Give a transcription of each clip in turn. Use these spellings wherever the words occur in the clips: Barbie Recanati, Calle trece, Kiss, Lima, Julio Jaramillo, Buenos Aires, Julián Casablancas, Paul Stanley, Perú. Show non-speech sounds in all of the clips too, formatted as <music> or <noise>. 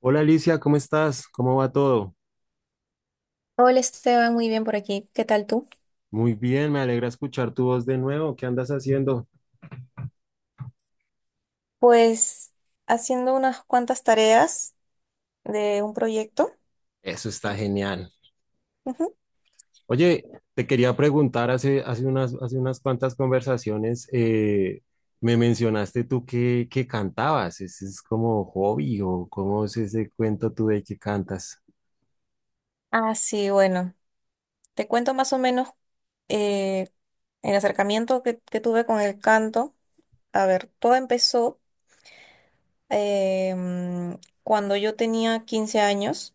Hola Alicia, ¿cómo estás? ¿Cómo va todo? Hola Esteban, muy bien por aquí. ¿Qué tal tú? Muy bien, me alegra escuchar tu voz de nuevo. ¿Qué andas haciendo? Pues haciendo unas cuantas tareas de un proyecto. Eso está genial. Ujú. Oye, te quería preguntar, hace unas cuantas conversaciones, me mencionaste tú que cantabas. ¿Ese es como hobby o cómo es ese cuento tú de que cantas? Ah, sí, bueno, te cuento más o menos eh, el acercamiento que tuve con el canto. A ver, todo empezó eh, mm, cuando yo tenía 15 años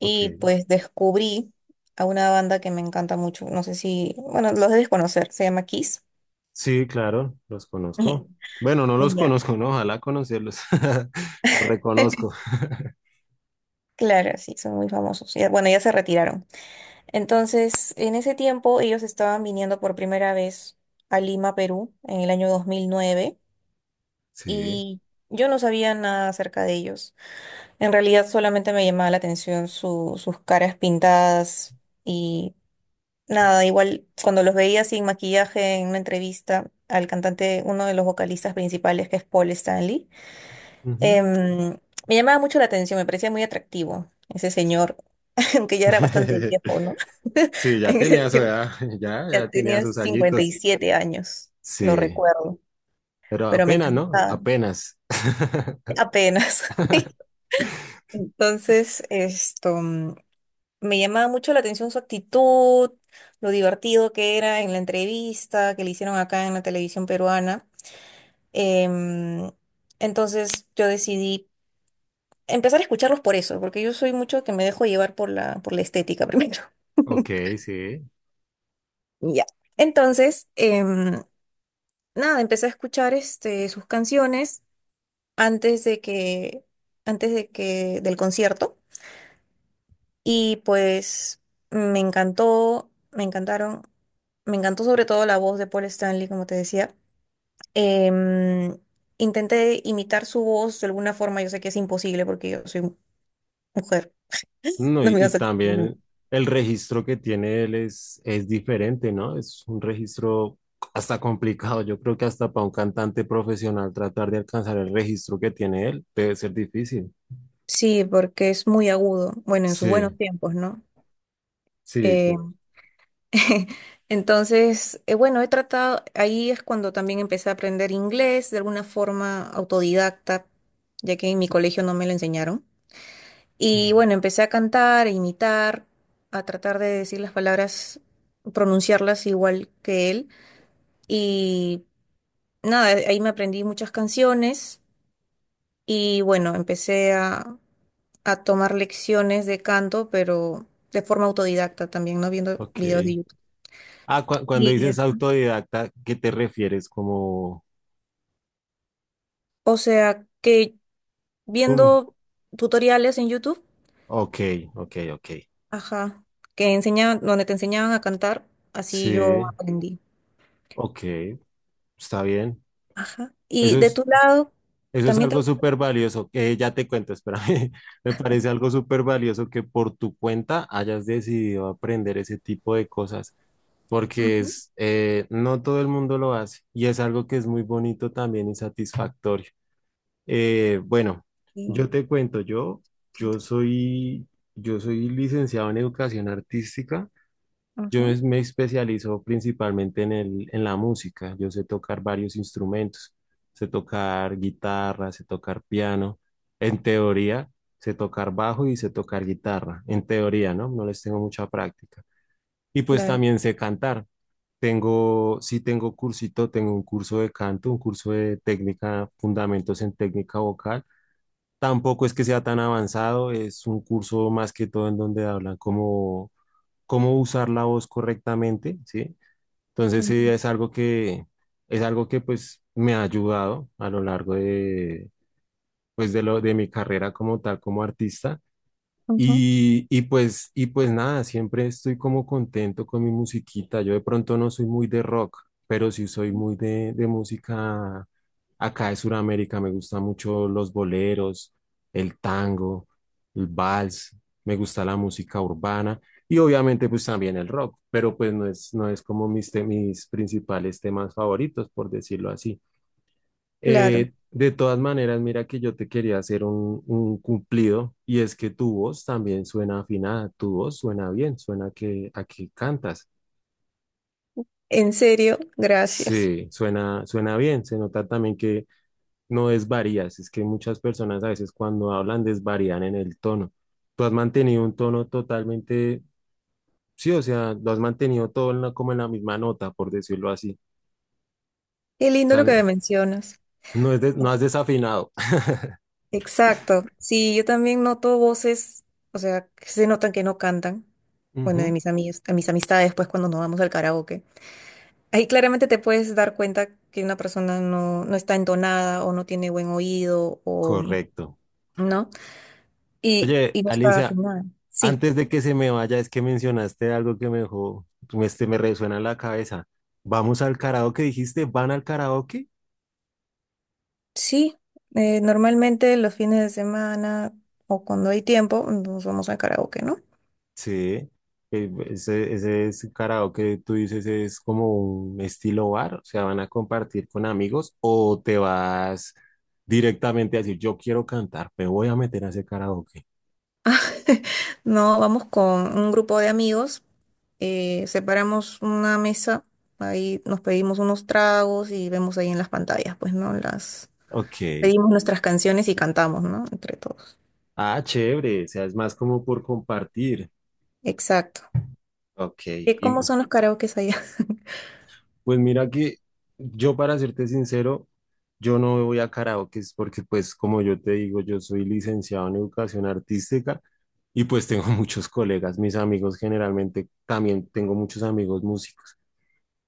Ok. pues descubrí a una banda que me encanta mucho. No sé si, bueno, los debes conocer, se llama Kiss. Sí, claro, los <laughs> conozco. Bueno, no los Ya. conozco, ¿no? Ojalá conocerlos. <laughs> Los reconozco. <laughs> Claro, sí, son muy famosos. Bueno, ya se retiraron. Entonces, en ese tiempo ellos estaban viniendo por primera vez a Lima, Perú, en el año 2009, Sí. y yo no sabía nada acerca de ellos. En realidad solamente me llamaba la atención sus caras pintadas y nada, igual cuando los veía sin maquillaje en una entrevista al cantante, uno de los vocalistas principales, que es Paul Stanley. Ujú. em, Me llamaba mucho la atención, me parecía muy atractivo ese señor. <laughs> Aunque ya era bastante viejo, ¿no? <laughs> <laughs> Sí, ya En ese tenía su tiempo edad, <laughs> ya ya tenía tenía sus añitos. 57 años, lo Sí, recuerdo, pero pero me apenas, ¿no? encantaba, Apenas. <laughs> apenas. <laughs> Entonces, esto, me llamaba mucho la atención su actitud, lo divertido que era en la entrevista que le hicieron acá en la televisión peruana. Em, entonces, yo decidí empezar a escucharlos por eso, porque yo soy mucho que me dejo llevar por la estética primero. Ok, <laughs> sí. Ya. Entonces, nada, empecé a escuchar este, sus canciones antes de que, del concierto. Y pues me encantó, me encantaron, me encantó sobre todo la voz de Paul Stanley, como te decía. Em, Intenté imitar su voz de alguna forma, yo sé que es imposible porque yo soy mujer, <laughs> No, no y, me iba a y salir. también el registro que tiene él es diferente, ¿no? Es un registro hasta complicado. Yo creo que hasta para un cantante profesional tratar de alcanzar el registro que tiene él debe ser difícil. Sí, porque es muy agudo, bueno, en sus buenos Sí, tiempos, ¿no? sí, tiene. Em, <laughs> Entonces, bueno, he tratado, ahí es cuando también empecé a aprender inglés de alguna forma autodidacta, ya que en mi colegio no me lo enseñaron. Ujú. Y bueno, empecé a cantar, a imitar, a tratar de decir las palabras, pronunciarlas igual que él. Y nada, ahí me aprendí muchas canciones y bueno, empecé a tomar lecciones de canto, pero de forma autodidacta también, ¿no? Viendo videos de Ok. YouTube. Ah, cuando Y dices eso. autodidacta, ¿qué te refieres? Como, O sea, que um, viendo tutoriales en YouTube, ok, ok, ok. ajá, que enseñaban, donde te enseñaban a cantar, así yo Sí, aprendí. ok, está bien. Ajá. Y Eso de es, tu lado, eso es también te... algo súper valioso, que ya te cuento, espérame. <laughs> Me parece algo súper valioso que por tu cuenta hayas decidido aprender ese tipo de cosas, porque Ujú, es, no todo el mundo lo hace y es algo que es muy bonito también y satisfactorio. Bueno, bien, yo te cuento, siento. yo soy, yo soy licenciado en educación artística. Ujú, Me especializo principalmente en la música. Yo sé tocar varios instrumentos. Sé tocar guitarra, sé tocar piano. En teoría, sé tocar bajo y sé tocar guitarra. En teoría, ¿no? No les tengo mucha práctica. Y pues claro. también sé cantar. Sí tengo cursito, tengo un curso de canto, un curso de técnica, fundamentos en técnica vocal. Tampoco es que sea tan avanzado, es un curso más que todo en donde hablan como cómo usar la voz correctamente, ¿sí? Entonces, Ujú, sí, es algo que, pues me ha ayudado a lo largo de, pues, de mi carrera como tal, como artista. ujú, Y pues nada, siempre estoy como contento con mi musiquita. Yo de pronto no soy muy de rock, pero sí soy muy de, música acá de Sudamérica. Me gustan mucho los boleros, el tango, el vals, me gusta la música urbana y obviamente pues también el rock, pero pues no es como mis principales temas favoritos, por decirlo así. claro. De todas maneras, mira que yo te quería hacer un cumplido y es que tu voz también suena afinada, tu voz suena bien, suena a que cantas. En serio, gracias. Sí, suena bien, se nota también que no desvarías, es que muchas personas a veces cuando hablan desvarían en el tono. Tú has mantenido un tono totalmente, sí, o sea, lo has mantenido todo en como en la misma nota, por decirlo así. Qué O lindo sea, lo que me no, mencionas. No has desafinado. <laughs> Exacto. Sí, yo también noto voces, o sea, que se notan que no cantan. Bueno, de Ujú, mis amigas, a mis amistades, pues cuando nos vamos al karaoke. Ahí claramente te puedes dar cuenta que una persona no, no está entonada o no tiene buen oído o correcto. no, y, Oye, y no está Alicia. afinada. Sí, Antes de que se me vaya, es que mencionaste algo que me dejó, me resuena en la cabeza. ¿Vamos al karaoke, dijiste? ¿Van al karaoke? sí. Normalmente los fines de semana o cuando hay tiempo nos vamos al karaoke, ¿no? Sí. Ese es karaoke, tú dices, es como un estilo bar, o sea, van a compartir con amigos o te vas directamente a decir, yo quiero cantar, me voy a meter a ese karaoke. <laughs> No, vamos con un grupo de amigos, separamos una mesa, ahí nos pedimos unos tragos y vemos ahí en las pantallas, pues, ¿no? Las Ok. pedimos nuestras canciones y cantamos, ¿no? Entre todos. Ah, chévere, o sea, es más como por compartir. Exacto. Ok. ¿Qué, cómo son los karaokes allá? <laughs> Pues mira que yo, para serte sincero, yo no voy a karaokes porque pues como yo te digo, yo soy licenciado en educación artística y pues tengo <laughs> muchos colegas, mis amigos generalmente, también tengo muchos amigos músicos.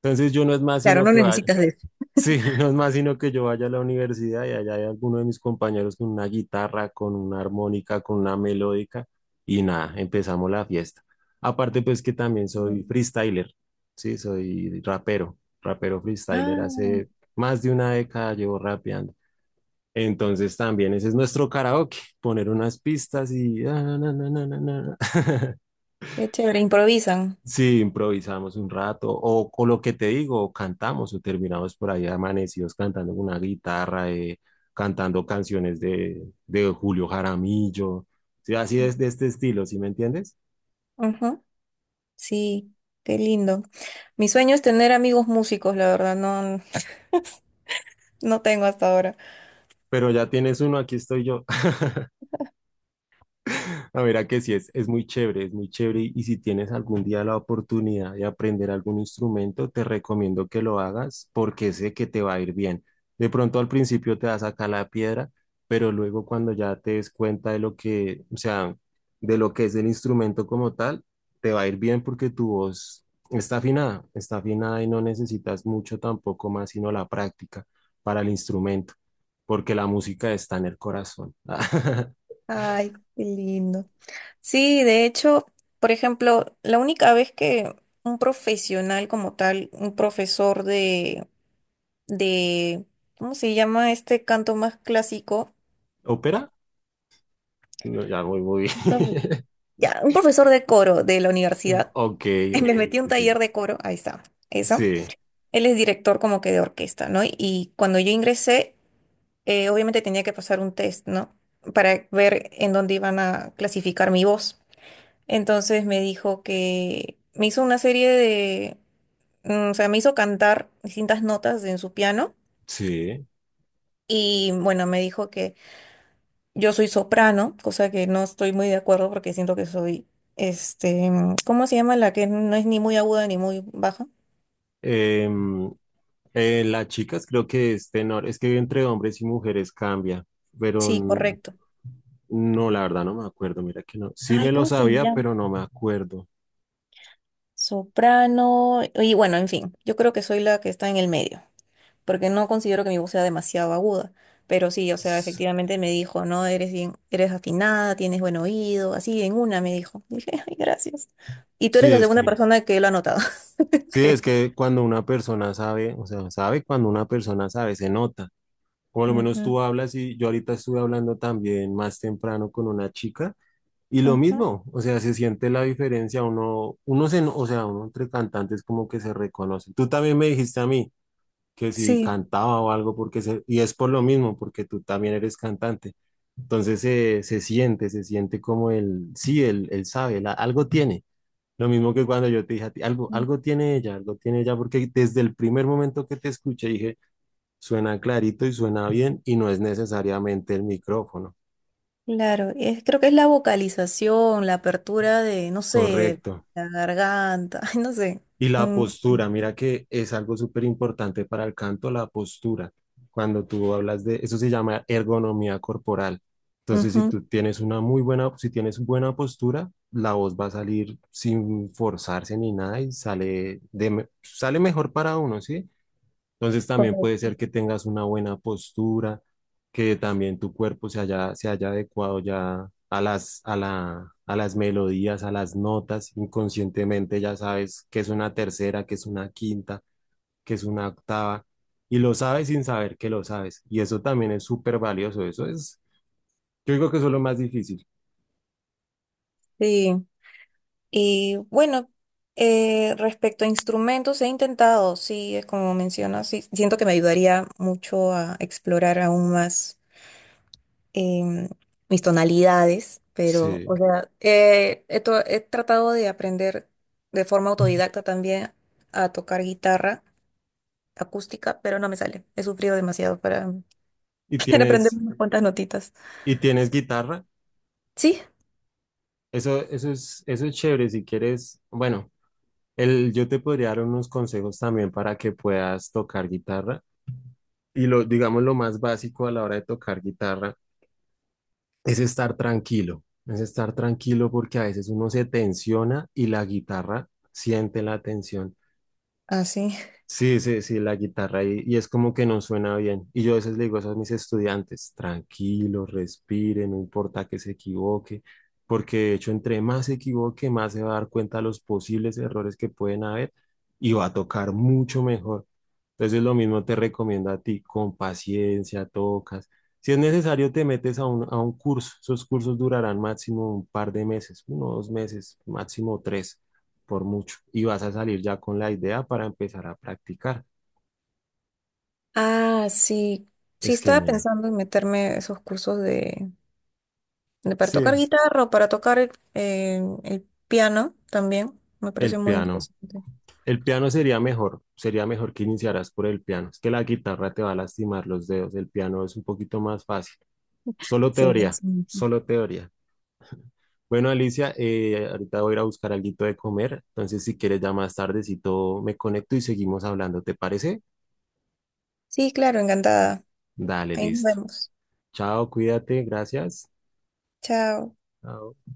Entonces yo no es más Claro, sino no que vaya. necesitas de eso. Sí, <laughs> no es más sino que yo vaya a la universidad y allá hay alguno de mis compañeros con una guitarra, con una armónica, con una melódica y nada, empezamos la fiesta. Aparte pues que también Mm. soy freestyler, sí, soy rapero, rapero freestyler, Ah, hace más de una década llevo rapeando. Entonces también ese es nuestro karaoke, poner unas pistas y, ah, na, na, na, na, na. <laughs> qué chévere, improvisan. Sí, improvisamos un rato, o con lo que te digo, o cantamos, o terminamos por ahí amanecidos cantando con una guitarra, cantando canciones de Julio Jaramillo, sí, así es de este estilo, ¿sí me entiendes? Ajá, sí, qué lindo. Mi sueño es tener amigos músicos, la verdad, no, no tengo hasta ahora. Pero ya tienes uno, aquí estoy yo. A ver, a que sí, es muy chévere, es muy chévere y si tienes algún día la oportunidad de aprender algún instrumento, te recomiendo que lo hagas porque sé que te va a ir bien. De pronto al principio te vas a sacar la piedra, pero luego cuando ya te des cuenta de lo que, o sea, de lo que es el instrumento como tal, te va a ir bien porque tu voz está afinada y no necesitas mucho tampoco más sino la práctica para el instrumento, porque la música está en el corazón. <laughs> Ay, qué lindo. Sí, de hecho, por ejemplo, la única vez que un profesional como tal, un profesor de, de, ¿cómo se llama este canto más clásico? ¿Ópera? No, ya muy muy Un profe- bien. <laughs> Ya, un profesor de coro de la universidad. Ok, <laughs> Me ok. metí a un Sí, taller de coro, ahí está, eso. sí. Él es director como que de orquesta, ¿no? Y cuando yo ingresé, obviamente tenía que pasar un test, ¿no? Para ver en dónde iban a clasificar mi voz. Entonces me dijo que me hizo una serie de, o sea, me hizo cantar distintas notas en su piano. Sí. Sí. Y bueno, me dijo que yo soy soprano, cosa que no estoy muy de acuerdo porque siento que soy, este, ¿cómo se llama? La que no es ni muy aguda ni muy baja. Em, las chicas creo que es tenor. Es que entre hombres y mujeres cambia, pero Sí, correcto. no, la verdad no me acuerdo. Mira que no. Sí Ay, me lo ¿cómo se sabía, llama? pero no me acuerdo. Soprano. Y bueno, en fin, yo creo que soy la que está en el medio, porque no considero que mi voz sea demasiado aguda. Pero sí, o sea, S- efectivamente me dijo: no, eres bien, eres afinada, tienes buen oído, así en una me dijo. <laughs> Dije, ay, gracias. Y tú Sí, eres la segunda sí, persona que lo ha notado, <laughs> es creo. que cuando una persona sabe, o sea, sabe cuando una persona sabe, se nota. Por lo menos Ujú, tú hablas y yo ahorita estuve hablando también más temprano con una chica. Y lo ujú. mismo, o sea, se siente la diferencia, o sea, uno entre cantantes como que se reconoce. Tú también me dijiste a mí que si Sí, cantaba o algo, y es por lo mismo, porque tú también eres cantante. Entonces se siente como sí, él sabe, algo tiene. Lo mismo que cuando yo te dije a ti, algo tiene ella, porque desde el primer momento que te escuché dije, suena clarito y suena bien y no es necesariamente el micrófono. claro. Creo que es la vocalización, la apertura de, no sé, de Correcto. la garganta, <laughs> ay, no sé. Y la Mm, postura, mira que es algo súper importante para el canto, la postura. Cuando tú hablas eso se llama ergonomía corporal. Entonces, si ujú. tú tienes una muy buena, si tienes buena postura, la voz va a salir sin forzarse ni nada y sale mejor para uno, ¿sí? Entonces también puede Correcto. ser que tengas una buena postura, que también tu cuerpo se haya adecuado ya a las melodías, a las notas. Inconscientemente ya sabes que es una tercera, que es una quinta, que es una octava, y lo sabes sin saber que lo sabes. Y eso también es súper valioso. Yo digo que eso es lo más difícil. Sí. Y bueno, respecto a instrumentos, he intentado, sí, es como mencionas, sí, siento que me ayudaría mucho a explorar aún más em, mis tonalidades, pero, o Sí. sea, he tratado de aprender de forma autodidacta también a tocar guitarra acústica, pero no me sale. He sufrido demasiado para, Y <laughs> para aprender tienes, unas cuantas notitas. y tienes guitarra. Sí, Eso es chévere si quieres, bueno. Yo te podría dar unos consejos también para que puedas tocar guitarra. Y digamos, lo más básico a la hora de tocar guitarra es estar tranquilo. Es estar tranquilo porque a veces uno se tensiona y la guitarra siente la tensión. así. Sí, sí, sí, la guitarra y es como que no suena bien. Y yo a veces le digo eso a mis estudiantes, tranquilos, respiren, no importa que se equivoque, porque de hecho entre más se equivoque, más se va a dar cuenta de los posibles errores que pueden haber y va a tocar mucho mejor. Entonces lo mismo te recomiendo a ti, con paciencia, tocas. Si es necesario, te metes a un curso. Esos cursos durarán máximo un par de meses, uno, dos meses, máximo tres por mucho. Y vas a salir ya con la idea para empezar a practicar. Ah, sí. Sí, Es estaba genial. pensando en meterme a esos cursos para Sí, tocar guitarra o para tocar el piano también. Me parece el muy piano. interesante. El piano sería mejor que iniciaras por el piano. Es que la guitarra te va a lastimar los dedos, el piano es un poquito más fácil. Solo Sí, teoría, eso. solo teoría. Bueno, Alicia, ahorita voy a ir a buscar algo de comer, entonces si quieres ya más tardecito me conecto y seguimos hablando, ¿te parece? Sí, claro, encantada. Dale, Ahí nos listo. vemos. Chao, cuídate, gracias. Chao. Chao.